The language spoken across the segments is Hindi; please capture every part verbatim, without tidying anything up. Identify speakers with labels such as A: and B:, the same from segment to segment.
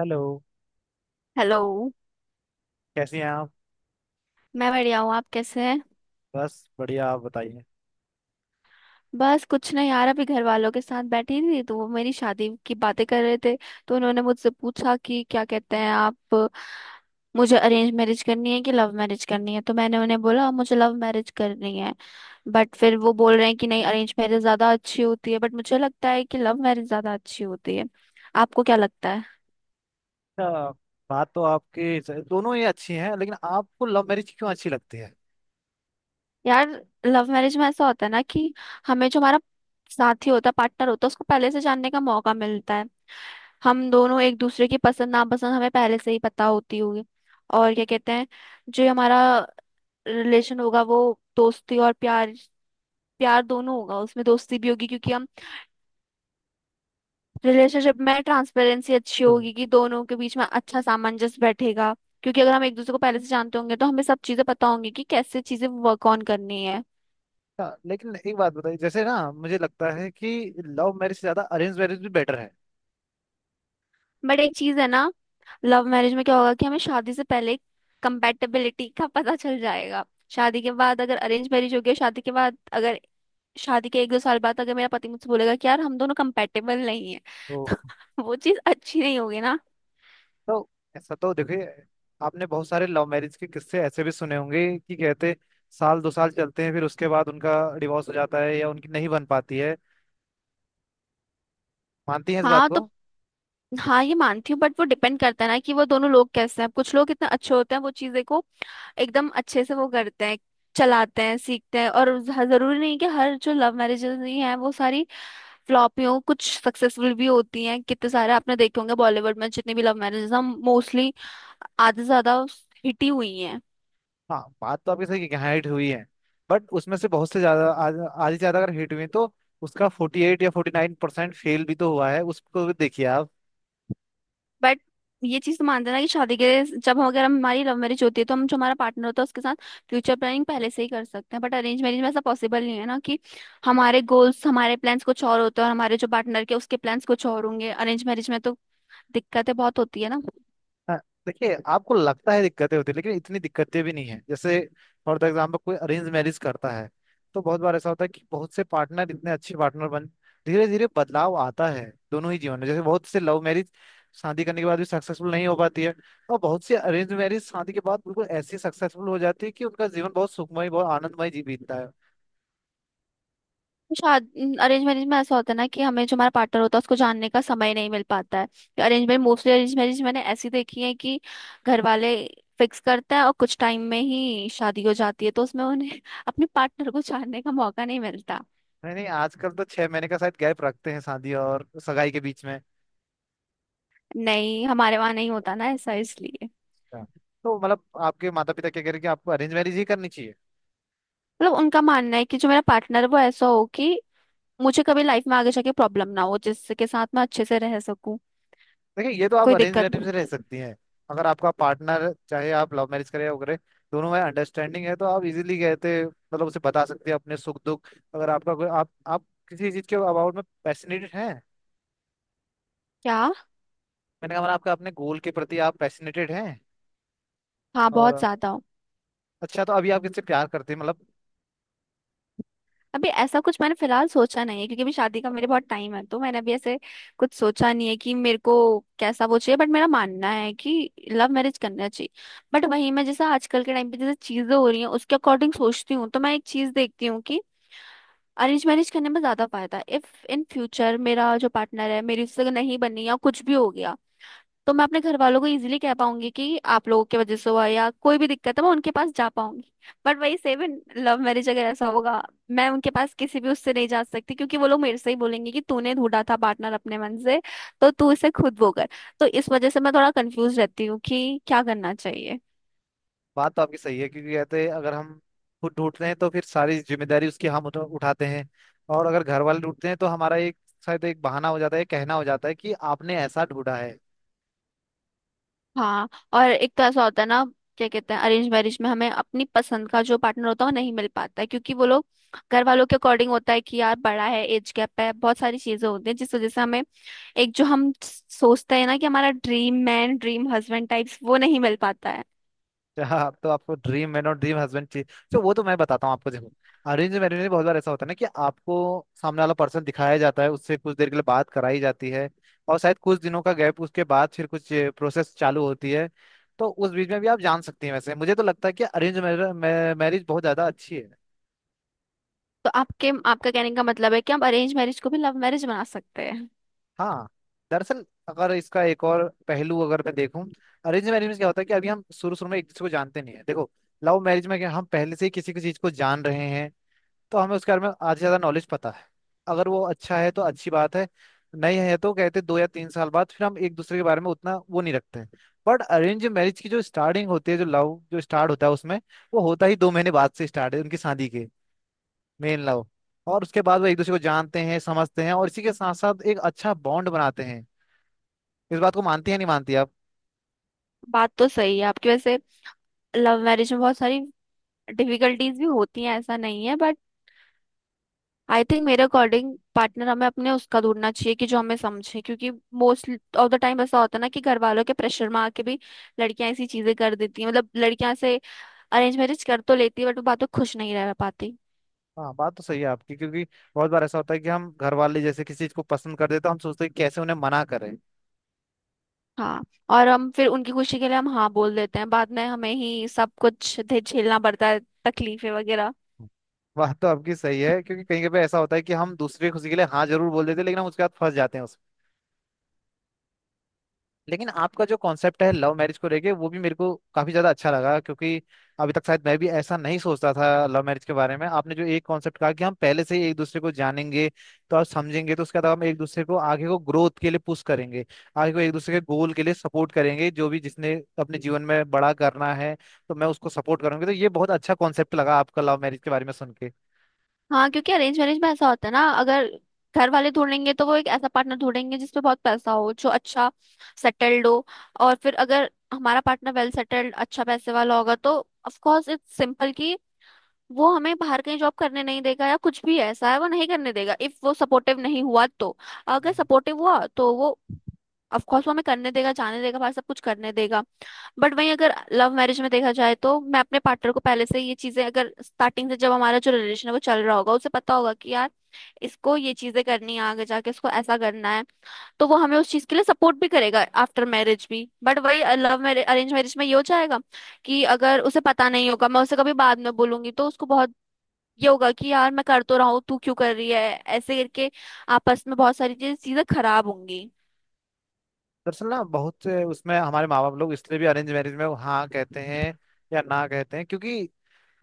A: हेलो।
B: हेलो।
A: कैसी हैं आप?
B: मैं बढ़िया हूँ, आप कैसे हैं?
A: बस बढ़िया, आप बताइए।
B: बस कुछ नहीं यार, अभी घर वालों के साथ बैठी थी तो वो मेरी शादी की बातें कर रहे थे। तो उन्होंने मुझसे पूछा कि क्या कहते हैं आप, मुझे अरेंज मैरिज करनी है कि लव मैरिज करनी है। तो मैंने उन्हें बोला, "हाँ, मुझे लव मैरिज करनी है।" बट फिर वो बोल रहे हैं कि नहीं, अरेंज मैरिज ज्यादा अच्छी होती है। बट मुझे लगता है कि लव मैरिज ज्यादा अच्छी होती है। आपको क्या लगता है?
A: अच्छा, बात तो आपकी स- दोनों ही अच्छी हैं, लेकिन आपको लव मैरिज क्यों अच्छी लगती है?
B: यार, लव मैरिज में ऐसा होता है ना कि हमें जो हमारा साथी होता है, पार्टनर होता है, उसको पहले से जानने का मौका मिलता है। हम दोनों एक दूसरे की पसंद नापसंद हमें पहले से ही पता होती होगी। और क्या कहते हैं, जो हमारा रिलेशन होगा वो दोस्ती और प्यार प्यार दोनों होगा, उसमें दोस्ती भी होगी, क्योंकि हम रिलेशनशिप में ट्रांसपेरेंसी अच्छी
A: हम्म।
B: होगी कि दोनों के बीच में अच्छा सामंजस्य बैठेगा। क्योंकि अगर हम एक दूसरे को पहले से जानते होंगे तो हमें सब चीजें पता होंगी कि कैसे चीजें वर्क ऑन करनी है।
A: अच्छा, लेकिन एक बात बताइए, जैसे ना मुझे लगता है कि लव मैरिज से ज्यादा अरेंज मैरिज भी बेटर है।
B: बट एक चीज है ना, लव मैरिज में क्या होगा कि हमें शादी से पहले कंपेटेबिलिटी का पता चल जाएगा। शादी के बाद अगर अरेंज मैरिज हो गया, शादी के बाद अगर शादी के एक दो साल बाद अगर मेरा पति मुझसे बोलेगा कि यार हम दोनों कंपेटेबल नहीं है,
A: तो
B: तो वो चीज अच्छी नहीं होगी ना।
A: तो ऐसा तो देखिए, आपने बहुत सारे लव मैरिज के किस्से ऐसे भी सुने होंगे कि कहते साल दो साल चलते हैं, फिर उसके बाद उनका डिवोर्स हो जाता है या उनकी नहीं बन पाती है। मानती हैं इस बात
B: हाँ तो,
A: को?
B: हाँ, ये मानती हूँ बट वो डिपेंड करता है ना कि वो दोनों लोग कैसे हैं। कुछ लोग इतने अच्छे होते हैं वो चीजें को एकदम अच्छे से वो करते हैं, चलाते हैं, सीखते हैं। और ज- जरूरी नहीं कि हर जो लव मैरिजेस ही हैं वो सारी फ्लॉपियों, कुछ सक्सेसफुल भी होती हैं। कितने सारे आपने देखे होंगे बॉलीवुड में, जितने भी लव मैरिजेस हम मोस्टली, आधे से ज्यादा हिट ही हुई हैं।
A: हाँ, बात तो आपकी सही है कि हिट हुई है, बट उसमें से बहुत से ज्यादा आज- आधी से ज्यादा अगर हिट हुई तो उसका फोर्टी एट या फोर्टी नाइन परसेंट फेल भी तो हुआ है, उसको भी देखिए।
B: बट ये चीज तो मान देना कि शादी के जब हम अगर हम- हमारी लव मैरिज होती है तो हम जो हमारा पार्टनर होता है उसके साथ फ्यूचर प्लानिंग पहले से ही कर सकते हैं। बट अरेंज मैरिज में ऐसा पॉसिबल नहीं है ना कि हमारे गोल्स हमारे प्लान्स कुछ और होते हैं और हमारे जो पार्टनर के उसके प्लान्स कुछ और होंगे अरेंज मैरिज में, तो दिक्कतें बहुत होती है ना।
A: हाँ, देखिए आपको लगता है दिक्कतें होती है, लेकिन इतनी दिक्कतें भी नहीं है। जैसे फॉर द एग्जाम्पल कोई अरेंज मैरिज करता है तो बहुत बार ऐसा होता है कि बहुत से पार्टनर इतने अच्छे पार्टनर बन, धीरे धीरे बदलाव आता है दोनों ही जीवन में। जैसे बहुत से लव मैरिज शादी करने के बाद भी सक्सेसफुल नहीं हो पाती है, और बहुत से अरेंज मैरिज शादी के बाद बिल्कुल ऐसी सक्सेसफुल हो जाती है कि उनका जीवन बहुत सुखमय बहुत आनंदमय जी बीतता है।
B: शादी अरेंज मैरिज में ऐसा होता है ना कि हमें जो हमारा पार्टनर होता है उसको जानने का समय नहीं मिल पाता है। Arrange marriage mostly arrange marriage मैंने ऐसी देखी है कि घर वाले फिक्स करते हैं और कुछ टाइम में ही शादी हो जाती है, तो उसमें उन्हें अपने पार्टनर को जानने का मौका नहीं मिलता।
A: नहीं नहीं, आजकल तो छह महीने का शायद गैप रखते हैं शादी और सगाई के बीच में।
B: नहीं, हमारे वहां नहीं होता ना ऐसा, इसलिए।
A: अच्छा। तो मतलब आपके माता पिता क्या कह रहे हैं कि आपको अरेंज मैरिज ही करनी चाहिए?
B: मतलब उनका मानना है कि जो मेरा पार्टनर है वो ऐसा हो कि मुझे कभी लाइफ में आगे जाके प्रॉब्लम ना हो, जिसके साथ मैं अच्छे से रह सकूं,
A: देखिए, ये तो आप
B: कोई
A: अरेंज
B: दिक्कत
A: मैरिज में
B: नहीं।
A: रह सकती हैं। अगर आपका पार्टनर चाहे आप लव मैरिज करें या वो करें, दोनों में अंडरस्टैंडिंग है तो आप इजीली कहते मतलब उसे बता सकती हैं अपने सुख दुख। अगर आपका कोई आप आप किसी चीज के अबाउट में पैशनेटेड हैं?
B: क्या?
A: मैंने कहा मतलब आपका अपने गोल के प्रति आप पैशनेटेड हैं?
B: हाँ, बहुत
A: और
B: ज्यादा।
A: अच्छा, तो अभी आप किससे प्यार करते हैं, मतलब?
B: अभी ऐसा कुछ मैंने फिलहाल सोचा नहीं है क्योंकि अभी शादी का मेरे बहुत टाइम है, तो मैंने अभी ऐसे कुछ सोचा नहीं है कि मेरे को कैसा वो चाहिए। बट मेरा मानना है कि लव मैरिज करना चाहिए। बट वहीं मैं जैसा आजकल के टाइम पे जैसे चीजें हो रही हैं उसके अकॉर्डिंग सोचती हूँ तो मैं एक चीज देखती हूँ कि अरेंज मैरिज करने में ज्यादा फायदा है। इफ इन फ्यूचर मेरा जो पार्टनर है, मेरी उससे नहीं बनी या कुछ भी हो गया, तो मैं अपने घर वालों को इजीली कह पाऊंगी कि आप लोगों की वजह से हुआ, या कोई भी दिक्कत है मैं उनके पास जा पाऊंगी। बट वही सेम इन लव मैरिज अगर ऐसा होगा, मैं उनके पास किसी भी उससे नहीं जा सकती क्योंकि वो लोग मेरे से ही बोलेंगे कि तूने ढूंढा था पार्टनर अपने मन से, तो तू इसे खुद वो कर। तो इस वजह से मैं थोड़ा कंफ्यूज रहती हूँ कि क्या करना चाहिए।
A: बात तो आपकी सही है, क्योंकि कहते हैं अगर हम खुद ढूंढते हैं तो फिर सारी जिम्मेदारी उसकी हम उठा- उठाते हैं। और अगर घर वाले ढूंढते हैं तो हमारा एक शायद एक बहाना हो जाता है, कहना हो जाता है कि आपने ऐसा ढूंढा है।
B: हाँ, और एक तो ऐसा होता है ना, क्या कहते हैं, अरेंज मैरिज में हमें अपनी पसंद का जो पार्टनर होता है वो नहीं मिल पाता है क्योंकि वो लोग घर वालों के अकॉर्डिंग होता है कि यार बड़ा है, एज गैप है, बहुत सारी चीजें होती हैं जिस वजह से हमें एक जो हम सोचते हैं ना कि हमारा dream man, dream husband types, वो नहीं मिल पाता है।
A: हाँ, तो आपको ड्रीम मैन और ड्रीम हस्बैंड चाहिए? तो वो तो मैं बताता हूँ आपको, देखो अरेंज मैरिज में बहुत बार ऐसा होता है ना कि आपको सामने वाला पर्सन दिखाया जाता है, उससे कुछ देर के लिए बात कराई जाती है, और शायद कुछ दिनों का गैप उसके बाद फिर कुछ प्रोसेस चालू होती है। तो उस बीच में भी आप जान सकती हैं। वैसे मुझे तो लगता है कि अरेंज मैरिज बहुत ज्यादा अच्छी है।
B: तो आपके आपका कहने का मतलब है कि हम अरेंज मैरिज को भी लव मैरिज बना सकते हैं।
A: हाँ, दरअसल अगर इसका एक और पहलू अगर मैं देखूं, अरेंज मैरिज में क्या होता है कि अभी हम शुरू शुरू में एक दूसरे को जानते नहीं है। देखो लव मैरिज में क्या हम पहले से ही किसी किसी चीज को जान रहे हैं, तो हमें उसके बारे में आधे से ज्यादा नॉलेज पता है। अगर वो अच्छा है तो अच्छी बात है, नहीं है तो कहते दो या तीन साल बाद फिर हम एक दूसरे के बारे में उतना वो नहीं रखते हैं। बट अरेंज मैरिज की जो स्टार्टिंग होती है, जो लव जो स्टार्ट होता है उसमें, वो होता ही दो महीने बाद से स्टार्ट है उनकी शादी के, मेन लव। और उसके बाद वो एक दूसरे को जानते हैं, समझते हैं, और इसी के साथ साथ एक अच्छा बॉन्ड बनाते हैं। इस बात को मानती है नहीं मानती आप?
B: बात तो सही है आपकी वैसे। लव मैरिज में बहुत सारी डिफिकल्टीज भी होती हैं, ऐसा नहीं है, बट आई थिंक मेरे अकॉर्डिंग पार्टनर हमें अपने उसका ढूंढना चाहिए कि जो हमें समझे, क्योंकि मोस्ट ऑफ द टाइम ऐसा होता है ना कि घर वालों के प्रेशर में आके भी लड़कियां ऐसी चीजें कर देती हैं, मतलब लड़कियां से अरेंज मैरिज कर तो लेती है बट वो बातों खुश नहीं रह पाती।
A: हाँ, बात तो सही है आपकी, क्योंकि बहुत बार ऐसा होता है कि हम घर वाले जैसे किसी चीज को पसंद कर देते हैं, हम सोचते हैं कि कैसे उन्हें मना करें।
B: हाँ, और हम फिर उनकी खुशी के लिए हम हाँ बोल देते हैं, बाद में हमें ही सब कुछ झे- झेलना पड़ता है, तकलीफें वगैरह।
A: बात तो आपकी सही है, क्योंकि कहीं कभी ऐसा होता है कि हम दूसरी खुशी के लिए हाँ जरूर बोल देते हैं, लेकिन हम उसके बाद फंस जाते हैं उसमें। लेकिन आपका जो कॉन्सेप्ट है लव मैरिज को लेके वो भी मेरे को काफी ज्यादा अच्छा लगा, क्योंकि अभी तक शायद मैं भी ऐसा नहीं सोचता था लव मैरिज के बारे में। आपने जो एक कॉन्सेप्ट कहा कि हम पहले से ही एक दूसरे को जानेंगे, तो आप समझेंगे, तो उसके बाद हम एक दूसरे को आगे को ग्रोथ के लिए पुश करेंगे, आगे को एक दूसरे के गोल के लिए सपोर्ट करेंगे। जो भी जिसने अपने जीवन में बड़ा करना है तो मैं उसको सपोर्ट करूंगी, तो ये बहुत अच्छा कॉन्सेप्ट लगा आपका लव मैरिज के बारे में सुन
B: हाँ, क्योंकि अरेंज मैरिज में ऐसा होता है ना, अगर घर वाले ढूंढेंगे तो वो एक ऐसा पार्टनर ढूंढेंगे जिसपे बहुत पैसा हो, जो अच्छा सेटल्ड हो। और फिर अगर हमारा पार्टनर वेल सेटल्ड अच्छा पैसे वाला होगा तो ऑफ कोर्स इट्स सिंपल कि वो हमें बाहर कहीं जॉब करने नहीं देगा, या कुछ भी ऐसा है वो नहीं करने देगा, इफ वो सपोर्टिव नहीं हुआ तो। अगर
A: के।
B: सपोर्टिव हुआ तो वो ऑफ कोर्स वो हमें करने देगा, जाने देगा, बाहर सब कुछ करने देगा। बट वहीं अगर लव मैरिज में देखा जाए तो मैं अपने पार्टनर को पहले से ये चीजें, अगर स्टार्टिंग से जब हमारा जो रिलेशन है वो चल रहा होगा, उसे पता होगा कि यार इसको ये चीजें करनी है, आगे जाके इसको ऐसा करना है, तो वो हमें उस चीज के लिए सपोर्ट भी करेगा आफ्टर मैरिज भी। बट वही लव मैरिज अरेंज मैरिज में ये हो जाएगा कि अगर उसे पता नहीं होगा, मैं उसे कभी बाद में बोलूंगी तो उसको बहुत ये होगा कि यार मैं कर तो रहा हूँ, तू क्यों कर रही है, ऐसे करके आपस में बहुत सारी चीजें चीजें खराब होंगी।
A: दरअसल ना बहुत से उसमें हमारे माँ बाप लोग इसलिए भी अरेंज मैरिज में वो हाँ कहते हैं या ना कहते हैं, क्योंकि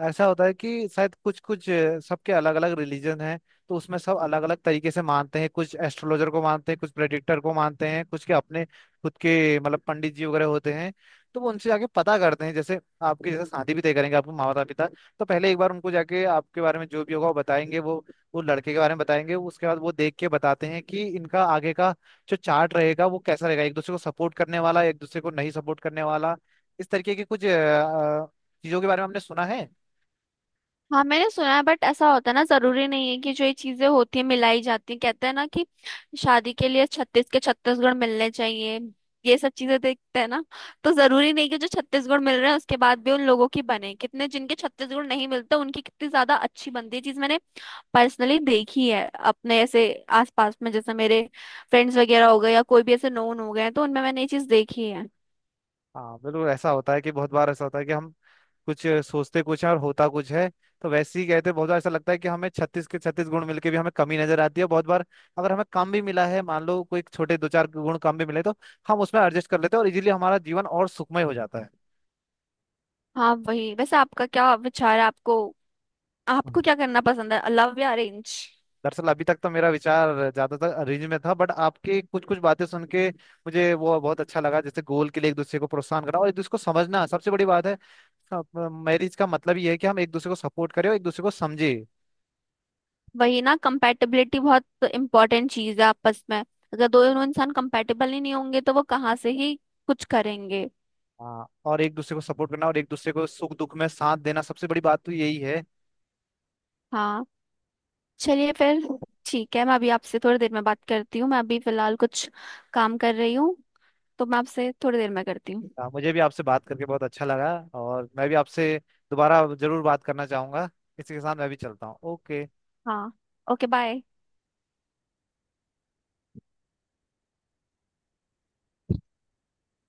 A: ऐसा होता है कि शायद कुछ कुछ अ, सबके अलग अलग रिलीजन हैं। तो उसमें सब अलग अलग तरीके से मानते हैं, कुछ एस्ट्रोलॉजर को मानते हैं, कुछ प्रेडिक्टर को मानते हैं, कुछ के अपने खुद के मतलब पंडित जी वगैरह होते हैं, तो वो उनसे जाके पता करते हैं। जैसे आपकी जैसे शादी भी तय करेंगे आपके माता पिता, तो पहले एक बार उनको जाके आपके बारे में जो भी होगा वो बताएंगे, वो वो लड़के के बारे में बताएंगे, उसके बाद वो देख के बताते हैं कि इनका आगे का जो चार्ट रहेगा वो कैसा रहेगा, एक दूसरे को सपोर्ट करने वाला एक दूसरे को नहीं सपोर्ट करने वाला। इस तरीके के कुछ अ, चीजों के बारे में हमने सुना है।
B: हाँ मैंने सुना है बट ऐसा होता है ना, जरूरी नहीं है कि जो ये चीजें होती है मिलाई जाती है, कहते हैं ना कि शादी के लिए छत्तीस के छत्तीस गुण मिलने चाहिए। ये सब चीजें देखते हैं ना। तो जरूरी नहीं कि जो छत्तीस गुण मिल रहे हैं उसके बाद भी उन लोगों की बने, कितने जिनके छत्तीस गुण नहीं मिलते उनकी कितनी ज्यादा अच्छी बनती है। चीज मैंने पर्सनली देखी है अपने ऐसे आसपास में, जैसे मेरे फ्रेंड्स वगैरह हो गए या कोई भी ऐसे नोन हो गए हैं, तो उनमें मैंने ये चीज देखी है।
A: हाँ, बिल्कुल ऐसा होता है कि बहुत बार ऐसा होता है कि हम कुछ सोचते कुछ है और होता कुछ है। तो वैसे ही कहते हैं, बहुत बार ऐसा लगता है कि हमें छत्तीस के छत्तीस गुण मिलके भी हमें कमी नजर आती है। बहुत बार अगर हमें कम भी मिला है, मान लो कोई छोटे दो चार गुण कम भी मिले, तो हम उसमें एडजस्ट कर लेते हैं और इजीली हमारा जीवन और सुखमय हो जाता
B: हाँ वही, वैसे आपका क्या विचार है, आपको
A: है।
B: आपको क्या करना पसंद है, लव या अरेंज?
A: दरअसल अभी तक तो मेरा विचार ज्यादातर अरेंज में था, बट आपकी कुछ कुछ बातें सुन के मुझे वो बहुत अच्छा लगा। जैसे गोल के लिए एक दूसरे को प्रोत्साहन करना और एक दूसरे को समझना सबसे बड़ी बात है। मैरिज का मतलब ये है कि हम एक दूसरे को सपोर्ट करें और एक दूसरे को समझे।
B: वही ना, कंपैटिबिलिटी बहुत इंपॉर्टेंट चीज है आपस में। अगर दोनों इंसान कंपैटिबल ही नहीं होंगे तो वो कहाँ से ही कुछ करेंगे।
A: हाँ, और एक दूसरे को सपोर्ट करना और एक दूसरे को सुख दुख में साथ देना सबसे बड़ी बात तो यही है।
B: हाँ, चलिए फिर। ठीक है, मैं अभी आपसे थोड़ी देर में बात करती हूँ, मैं अभी फिलहाल कुछ काम कर रही हूँ। तो मैं आपसे थोड़ी देर में करती हूँ।
A: हाँ, मुझे भी आपसे बात करके बहुत अच्छा लगा, और मैं भी आपसे दोबारा जरूर बात करना चाहूंगा। इसी के साथ मैं भी चलता हूँ। ओके।
B: हाँ, ओके, बाय।